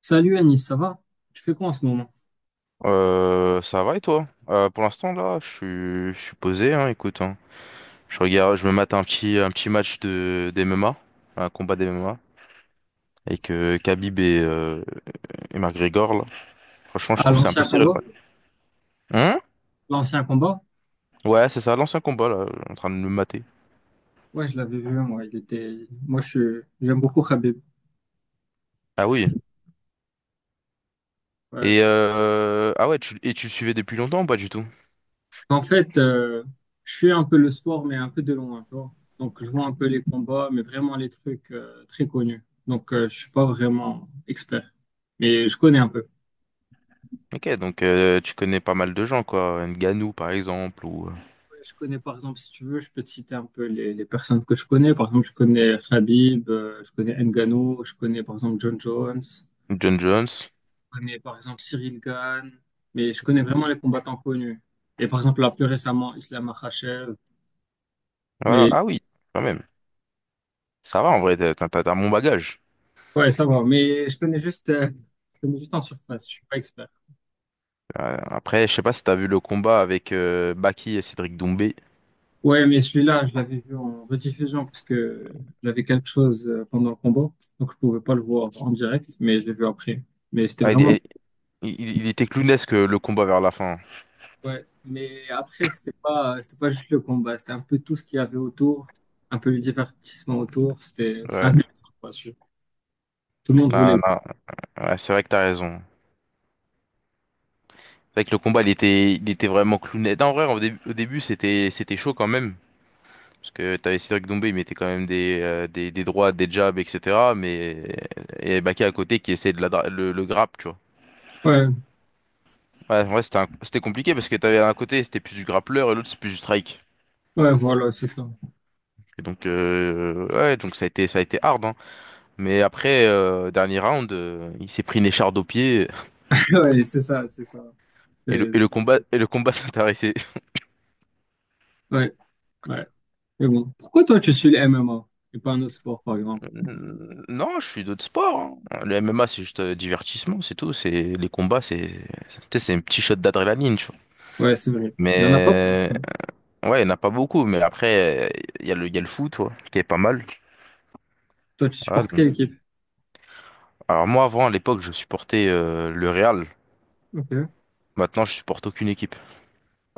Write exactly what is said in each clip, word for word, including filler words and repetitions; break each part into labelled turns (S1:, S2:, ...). S1: Salut Anis, ça va? Tu fais quoi en ce moment?
S2: Euh, ça va et toi? Euh, pour l'instant là, je suis, je suis posé, hein, écoute, hein. Je regarde, je me mate un petit, un petit match de d'M M A, un combat d'M M A, avec euh, Khabib et, euh, et McGregor là. Franchement, je
S1: Ah,
S2: trouve que c'est un peu
S1: l'ancien
S2: serré le
S1: combat?
S2: match. Hein?
S1: L'ancien combat?
S2: Ouais, c'est ça, l'ancien combat là, en train de me mater.
S1: Ouais, je l'avais vu, moi. Il était... Moi, je suis- j'aime beaucoup Khabib.
S2: Ah oui.
S1: Ouais,
S2: Et
S1: je-
S2: euh, ah ouais, tu, et tu le suivais depuis longtemps ou pas du tout?
S1: En fait, euh, je suis un peu le sport, mais un peu de loin, tu vois. Donc, je vois un peu les combats, mais vraiment les trucs euh, très connus. Donc, euh, je suis pas vraiment expert, mais je connais un peu.
S2: Ok, donc euh, tu connais pas mal de gens quoi, Ngannou par exemple ou euh,
S1: Ouais, je connais, par exemple. Si tu veux, je peux te citer un peu les, les personnes que je connais. Par exemple, je connais Khabib, euh, je connais Ngannou, je connais, par exemple, John Jones.
S2: John Jones.
S1: Connais par exemple Cyril Gane, mais je connais vraiment les combattants connus. Et par exemple, là, plus récemment, Islam Makhachev.
S2: Voilà,
S1: Mais
S2: ah oui, quand même. Ça va en vrai, t'as t'as- t'as un bon bagage.
S1: ouais, ça va. Mais je connais juste, euh, je connais juste en surface. Je suis pas expert.
S2: Euh, après, je sais pas si t'as vu le combat avec euh, Baki et Cédric Doumbé.
S1: Ouais, mais celui-là, je l'avais vu en rediffusion parce que j'avais quelque chose euh, pendant le combat. Donc, je pouvais pas le voir en direct, mais je l'ai vu après. Mais c'était
S2: Ah, il,
S1: vraiment.
S2: il, il- il était clownesque le combat vers la fin.
S1: Ouais, mais après, c'était pas, c'était pas juste le combat. C'était un peu tout ce qu'il y avait autour, un peu le divertissement autour. C'était c'était
S2: Ouais,
S1: intéressant, quoi. Tout le monde
S2: non,
S1: voulait.
S2: non, ouais, c'est vrai que t'as raison. C'est vrai que le combat, il était, il était vraiment clownesque. Non, en vrai, au début, au début, c'était, c'était chaud quand même. Parce que t'avais Cédric Doumbé, il mettait quand même des, euh, des, des droites, des jabs, et cetera. Mais il y avait Baki à côté qui essayait de la, dra- le, le grappe, tu vois.
S1: Ouais.
S2: Ouais, ouais, c'était un- c'était compliqué parce que t'avais un côté, c'était plus du grappleur et l'autre, c'est plus du strike.
S1: Ouais, voilà, c'est ça.
S2: Et donc, euh, ouais, donc ça a été, ça a été hard, hein. Mais après, euh, dernier round, euh, il s'est pris une écharde au pied
S1: Ouais, c'est ça, c'est ça.
S2: et le,
S1: C'est,
S2: et le combat, et le combat s'est arrêté.
S1: ouais, ouais. Mais bon, pourquoi toi tu suis le M M A et pas un autre sport, par exemple?
S2: Euh, Non, je suis d'autres sports, hein. Le M M A, c'est juste euh, divertissement, c'est tout. C'est les combats, c'est, tu sais, c'est un petit shot d'adrénaline, tu vois.
S1: Ouais, c'est vrai. Il y en a pas.
S2: Mais ouais, il n'y en a pas beaucoup. Mais après, euh, il y a le, il y a le foot, ouais, qui est pas mal.
S1: Toi, tu
S2: Voilà,
S1: supportes quelle
S2: donc.
S1: équipe?
S2: Alors moi, avant, à l'époque, je supportais euh, le Real.
S1: Ok.
S2: Maintenant, je supporte aucune équipe.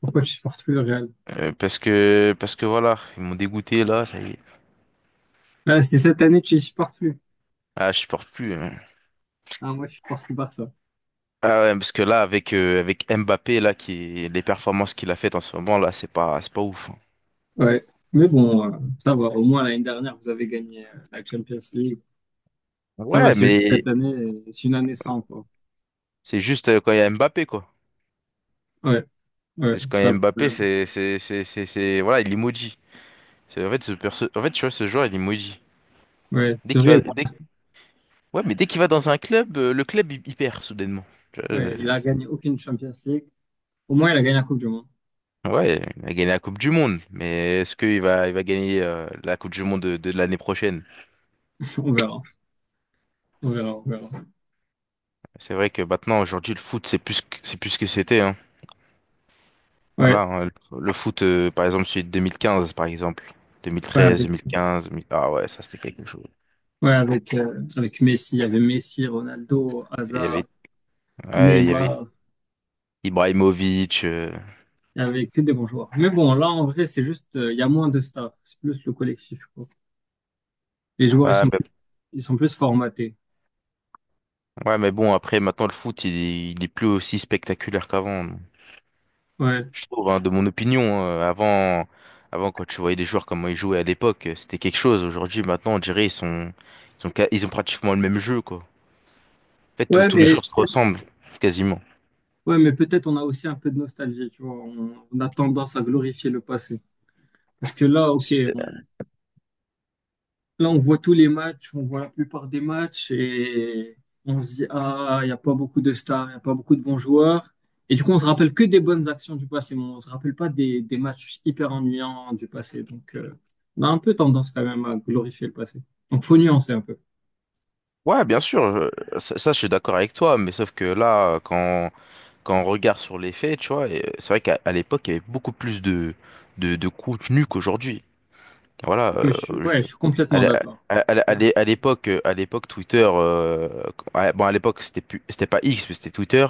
S1: Pourquoi tu supportes plus le Real?
S2: Euh, parce que, parce que voilà, ils m'ont dégoûté là. Ça y est.
S1: Là, c'est cette année que tu les supportes plus.
S2: Ah, je supporte plus, hein.
S1: Ah, moi, je supporte plus Barça.
S2: Ah ouais, parce que là, avec, euh, avec Mbappé, là, qui, les performances qu'il a faites en ce moment, là, c'est pas, c'est pas ouf, hein.
S1: Ouais. Mais bon, euh, ça va. Au moins, l'année dernière, vous avez gagné euh, la Champions League. Ça va,
S2: Ouais,
S1: c'est juste
S2: mais
S1: cette année, euh, c'est une année sans, quoi.
S2: c'est juste euh, quand il y a Mbappé, quoi.
S1: Ouais, ouais,
S2: C'est quand
S1: c'est
S2: il y
S1: ça
S2: a
S1: le
S2: Mbappé,
S1: problème.
S2: c'est, c'est, c'est, c'est, c'est- voilà, il est maudit. C'est, en fait, ce perso- en fait, tu vois, ce joueur, il est maudit.
S1: Ouais,
S2: Dès
S1: c'est
S2: qu'il
S1: vrai.
S2: va, dès- ouais, mais dès qu'il va dans un club, euh, le club, il, il perd, soudainement. Tu vois, euh,
S1: Ouais, il a gagné aucune Champions League. Au moins, il a gagné la Coupe du Monde.
S2: ouais, il a gagné la Coupe du Monde, mais est-ce qu'il va, il va gagner, euh, la Coupe du Monde de, de l'année prochaine?
S1: On verra. On verra, on verra.
S2: C'est vrai que maintenant, aujourd'hui, le foot, c'est plus, que- c'est plus ce que c'était, hein. Voilà,
S1: Ouais,
S2: hein, le le foot, euh, par exemple, celui de deux mille quinze, par exemple.
S1: ouais,
S2: deux mille treize,
S1: avec,
S2: deux mille quinze, deux mille, ah ouais, ça c'était quelque chose.
S1: ouais, avec, euh, avec Messi. Il y avait Messi, Ronaldo,
S2: Et il y
S1: Hazard,
S2: avait, ouais, il y avait
S1: Neymar,
S2: Ibrahimovic. euh,
S1: il y avait que des bons joueurs. Mais bon, là, en vrai, c'est juste, euh, il y a moins de stars, c'est plus le collectif, quoi. Les joueurs, ils
S2: Ouais,
S1: sont,
S2: mais,
S1: Ils sont plus formatés.
S2: ouais, mais bon, après, maintenant, le foot, il, est- il est plus aussi spectaculaire qu'avant.
S1: Ouais.
S2: Je trouve, hein, de mon opinion, hein. avant, avant, quand tu voyais les joueurs, comment ils jouaient à l'époque, euh, c'était quelque chose. Aujourd'hui, maintenant, on dirait, ils sont, ils sont, ca- ils ont pratiquement le même jeu, quoi. En fait, tous
S1: Ouais,
S2: tous les
S1: mais,
S2: joueurs se ressemblent, quasiment.
S1: ouais, mais peut-être on a aussi un peu de nostalgie, tu vois. On, on a tendance à glorifier le passé. Parce que là, ok, là, on voit tous les matchs, on voit la plupart des matchs et on se dit, ah, il n'y a pas beaucoup de stars, il n'y a pas beaucoup de bons joueurs. Et du coup, on se rappelle que des bonnes actions du passé, mais on se rappelle pas des, des matchs hyper ennuyants du passé. Donc, euh, on a un peu tendance quand même à glorifier le passé. Donc, faut nuancer un peu.
S2: Ouais, bien sûr, je- ça, ça, je suis d'accord avec toi, mais sauf que là, quand, quand on regarde sur les faits, tu vois, et euh, c'est vrai qu'à à l'époque, il y avait beaucoup plus de, de, de contenu qu'aujourd'hui. Voilà,
S1: Mais je suis,
S2: euh, je-
S1: ouais, je suis
S2: à
S1: complètement
S2: l'é-
S1: d'accord.
S2: à- à- à l'é- à l'époque, euh, à l'époque, Twitter, euh, à- bon, à l'époque, c'était plus, c'était pas X, mais c'était Twitter.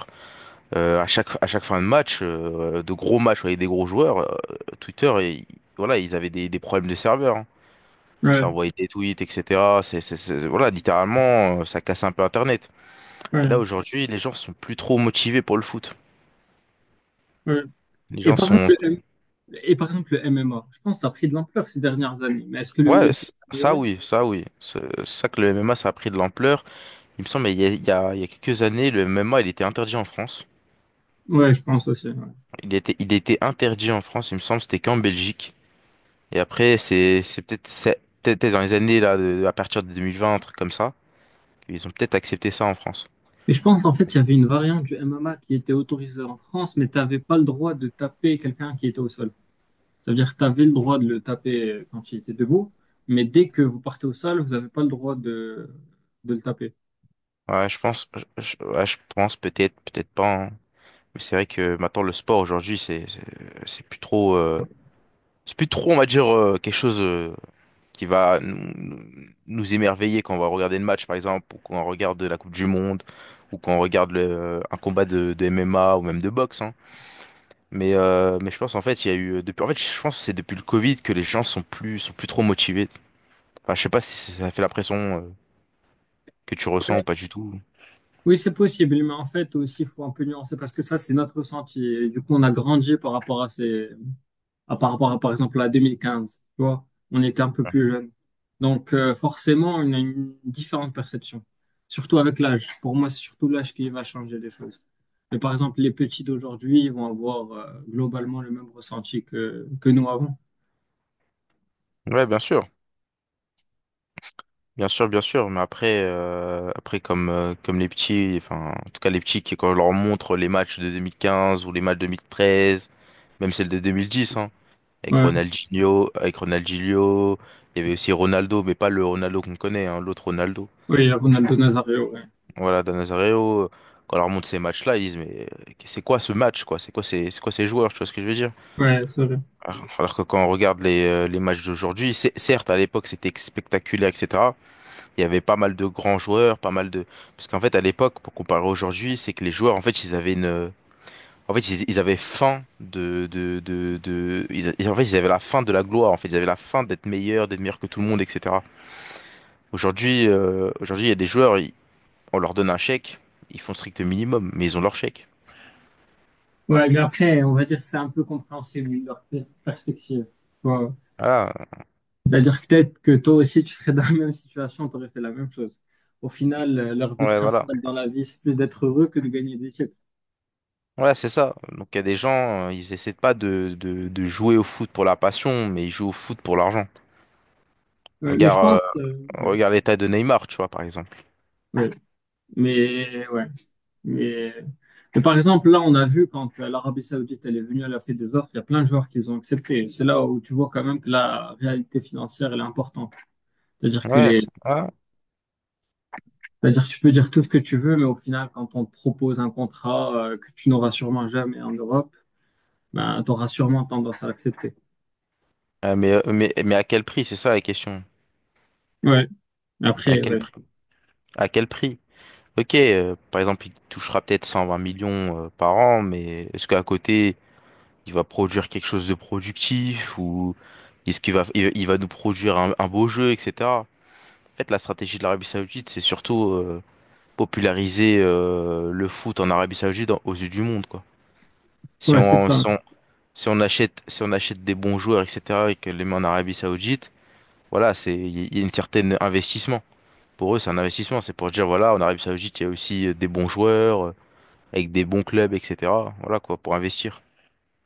S2: Euh, à chaque, à chaque fin de match, euh, de gros matchs avec des gros joueurs, euh, Twitter, et, voilà, ils avaient des, des problèmes de serveur, hein. Ça
S1: Ouais,
S2: envoyait des tweets, et cetera. C'est, c'est, c'est- voilà, littéralement, euh, ça cassait un peu Internet. Et
S1: ouais,
S2: là, aujourd'hui, les gens sont plus trop motivés pour le foot.
S1: ouais.
S2: Les
S1: Et
S2: gens
S1: par exemple,
S2: sont...
S1: le, M- et par exemple, le M M A, je pense que ça a pris de l'ampleur ces dernières années. Mais est-ce que le
S2: Ouais,
S1: niveau
S2: c-
S1: a
S2: ça
S1: amélioré?
S2: oui, ça oui. C'est ça que le M M A, ça a pris de l'ampleur. Il me semble, il y a, il y a, il y a quelques années, le M M A, il était interdit en France.
S1: Ouais, je pense aussi, ouais.
S2: Il était, il était interdit en France, il me semble, c'était qu'en Belgique. Et après, c'est, c'est peut-être, c'est peut-être dans les années, là, de- à partir de deux mille vingt, un truc comme ça, qu'ils ont peut-être accepté ça en France.
S1: Mais je pense, en fait, il y avait une variante du M M A qui était autorisée en France, mais tu n'avais pas le droit de taper quelqu'un qui était au sol. Ça veut dire que tu avais le droit de le taper euh, quand il était debout, mais dès que vous partez au sol, vous n'avez pas le droit de, de le taper.
S2: Ouais, je pense, je, je- ouais, je pense peut-être, peut-être pas, hein. Mais c'est vrai que maintenant, le sport, aujourd'hui, c'est, c'est c'est plus trop. euh, C'est plus trop, on va dire, euh, quelque chose euh, qui va nous, nous- nous émerveiller quand on va regarder le match, par exemple, ou quand on regarde la Coupe du Monde, ou quand on regarde le- un combat de, de M M A ou même de boxe, hein. Mais, euh, mais je pense, en fait, il y a eu. euh, Depuis, en fait, je pense que c'est depuis le Covid que les gens sont plus, sont plus trop motivés. Enfin, je sais pas si ça fait la pression euh, que tu ressens ou pas du tout.
S1: Oui, c'est possible, mais en fait, aussi, il faut un peu nuancer parce que ça, c'est notre ressenti. Et du coup, on a grandi par rapport à ces, à par rapport à, par exemple, la deux mille quinze. Tu vois, on était un peu plus jeune. Donc, euh, forcément, on a une différente perception. Surtout avec l'âge. Pour moi, c'est surtout l'âge qui va changer les choses. Mais par exemple, les petits d'aujourd'hui, ils vont avoir euh, globalement le même ressenti que, que nous avant.
S2: Ouais, bien sûr. Bien sûr, bien sûr, mais après, euh, après comme, euh, comme les petits, enfin, en tout cas les petits, qui, quand on leur montre les matchs de deux mille quinze ou les matchs de deux mille treize, même celles de deux mille dix, hein, avec
S1: Ouais,
S2: Ronaldinho, avec Ronaldinho, il y avait aussi Ronaldo, mais pas le Ronaldo qu'on connaît, hein, l'autre Ronaldo.
S1: oui, Ronaldo Nazario, ouais.
S2: Voilà, Dan Nazario, quand on leur montre ces matchs-là, ils disent, mais euh, c'est quoi ce match, quoi? C'est quoi ces, c'est quoi ces joueurs, tu vois ce que je veux dire?
S1: Ouais, c'est vrai.
S2: Alors alors que quand on regarde les, euh, les matchs d'aujourd'hui, c'est- certes, à l'époque, c'était spectaculaire, et cetera Il y avait pas mal de grands joueurs, pas mal de... Parce qu'en fait, à l'époque, pour comparer aujourd'hui, c'est que les joueurs, en fait, ils avaient une... En fait, ils, ils avaient faim de... de, de, de... Ils, ils- en fait, ils avaient la faim de la gloire, en fait. Ils avaient la faim d'être meilleurs, d'être meilleurs que tout le monde, et cetera. Aujourd'hui, euh, aujourd'hui, il y a des joueurs, ils- on leur donne un chèque, ils font strict minimum, mais ils ont leur chèque.
S1: Ouais, mais après, on va dire que c'est un peu compréhensible leur per- perspective. Ouais.
S2: Voilà,
S1: C'est-à-dire que peut-être que toi aussi, tu serais dans la même situation, tu aurais fait la même chose. Au final, euh, leur but
S2: ouais, voilà.
S1: principal dans la vie, c'est plus d'être heureux que de gagner des titres.
S2: Ouais, c'est ça. Donc, il y a des gens, euh, ils essaient pas de, de, de jouer au foot pour la passion, mais ils jouent au foot pour l'argent.
S1: Ouais, mais je
S2: Regarde,
S1: pense, euh,
S2: euh,
S1: ouais,
S2: regarde l'état de Neymar, tu vois, par exemple.
S1: ouais. mais ouais, mais, mais par exemple, là, on a vu quand euh, l'Arabie Saoudite elle est venue, elle a fait des offres, il y a plein de joueurs qui les ont accepté. C'est là où tu vois quand même que la réalité financière, elle est importante. C'est-à-dire que
S2: Ouais, c'est-
S1: les,
S2: ah.
S1: c'est-à-dire que tu peux dire tout ce que tu veux, mais au final, quand on te propose un contrat euh, que tu n'auras sûrement jamais en Europe, ben, t'auras sûrement tendance à l'accepter.
S2: Euh, mais, euh, mais, mais à quel prix? C'est ça la question.
S1: Ouais.
S2: À
S1: Après,
S2: quel
S1: ouais.
S2: prix? À quel prix? Ok, euh, par exemple, il touchera peut-être cent vingt millions euh, par an, mais est-ce qu'à côté, il va produire quelque chose de productif ou est-ce qu'il va, il, il va nous produire un, un beau jeu, et cetera. En fait, la stratégie de l'Arabie Saoudite, c'est surtout euh, populariser euh, le foot en Arabie Saoudite en- aux yeux du monde, quoi. Si
S1: Ouais, c'est
S2: on,
S1: ça.
S2: si on, si on achète, si on achète des bons joueurs, et cetera, et que les met en Arabie Saoudite, voilà, c'est il y a une certaine investissement. Pour eux, c'est un investissement. C'est pour dire, voilà, en Arabie Saoudite, il y a aussi euh, des bons joueurs, euh, avec des bons clubs, et cetera. Voilà quoi, pour investir.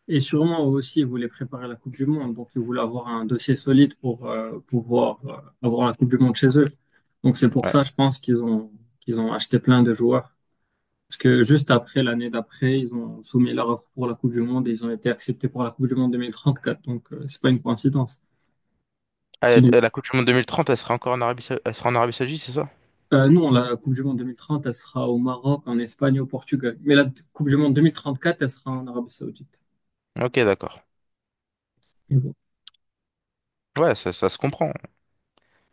S1: Et sûrement aussi, ils voulaient préparer la Coupe du Monde. Donc, ils voulaient avoir un dossier solide pour euh, pouvoir euh, avoir la Coupe du Monde chez eux. Donc, c'est pour
S2: Ouais.
S1: ça, je pense qu'ils ont, qu'ils ont acheté plein de joueurs. Parce que juste après, l'année d'après, ils ont soumis leur offre pour la Coupe du Monde et ils ont été acceptés pour la Coupe du Monde deux mille trente-quatre. Donc, euh, c'est pas une coïncidence.
S2: Ah,
S1: C'est
S2: euh,
S1: une-
S2: la Coupe du Monde deux mille trente, elle sera encore en Arabie, Sa- elle sera en Arabie Saoudite, c'est ça?
S1: Euh, non, la Coupe du Monde deux mille trente, elle sera au Maroc, en Espagne, et au Portugal. Mais la Coupe du Monde deux mille trente-quatre, elle sera en Arabie Saoudite.
S2: Ok, d'accord.
S1: Mais bon.
S2: Ouais, ça, ça se comprend.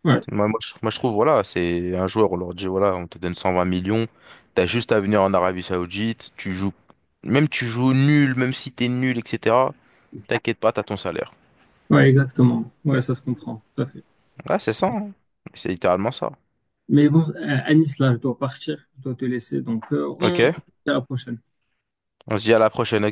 S1: Ouais.
S2: Moi, moi, je, moi, je trouve, voilà, c'est un joueur, on leur dit, voilà, on te donne cent vingt millions, t'as juste à venir en Arabie Saoudite, tu joues, même tu joues nul, même si t'es nul, et cetera. T'inquiète pas, t'as ton salaire.
S1: Ouais, exactement. Ouais, ça se comprend, tout à fait.
S2: Ouais, c'est ça, hein. C'est littéralement ça.
S1: Mais bon, euh, Anis, là, je dois partir, je dois te laisser. Donc, euh, on se
S2: Ok.
S1: dit à la prochaine.
S2: On se dit à la prochaine, ok?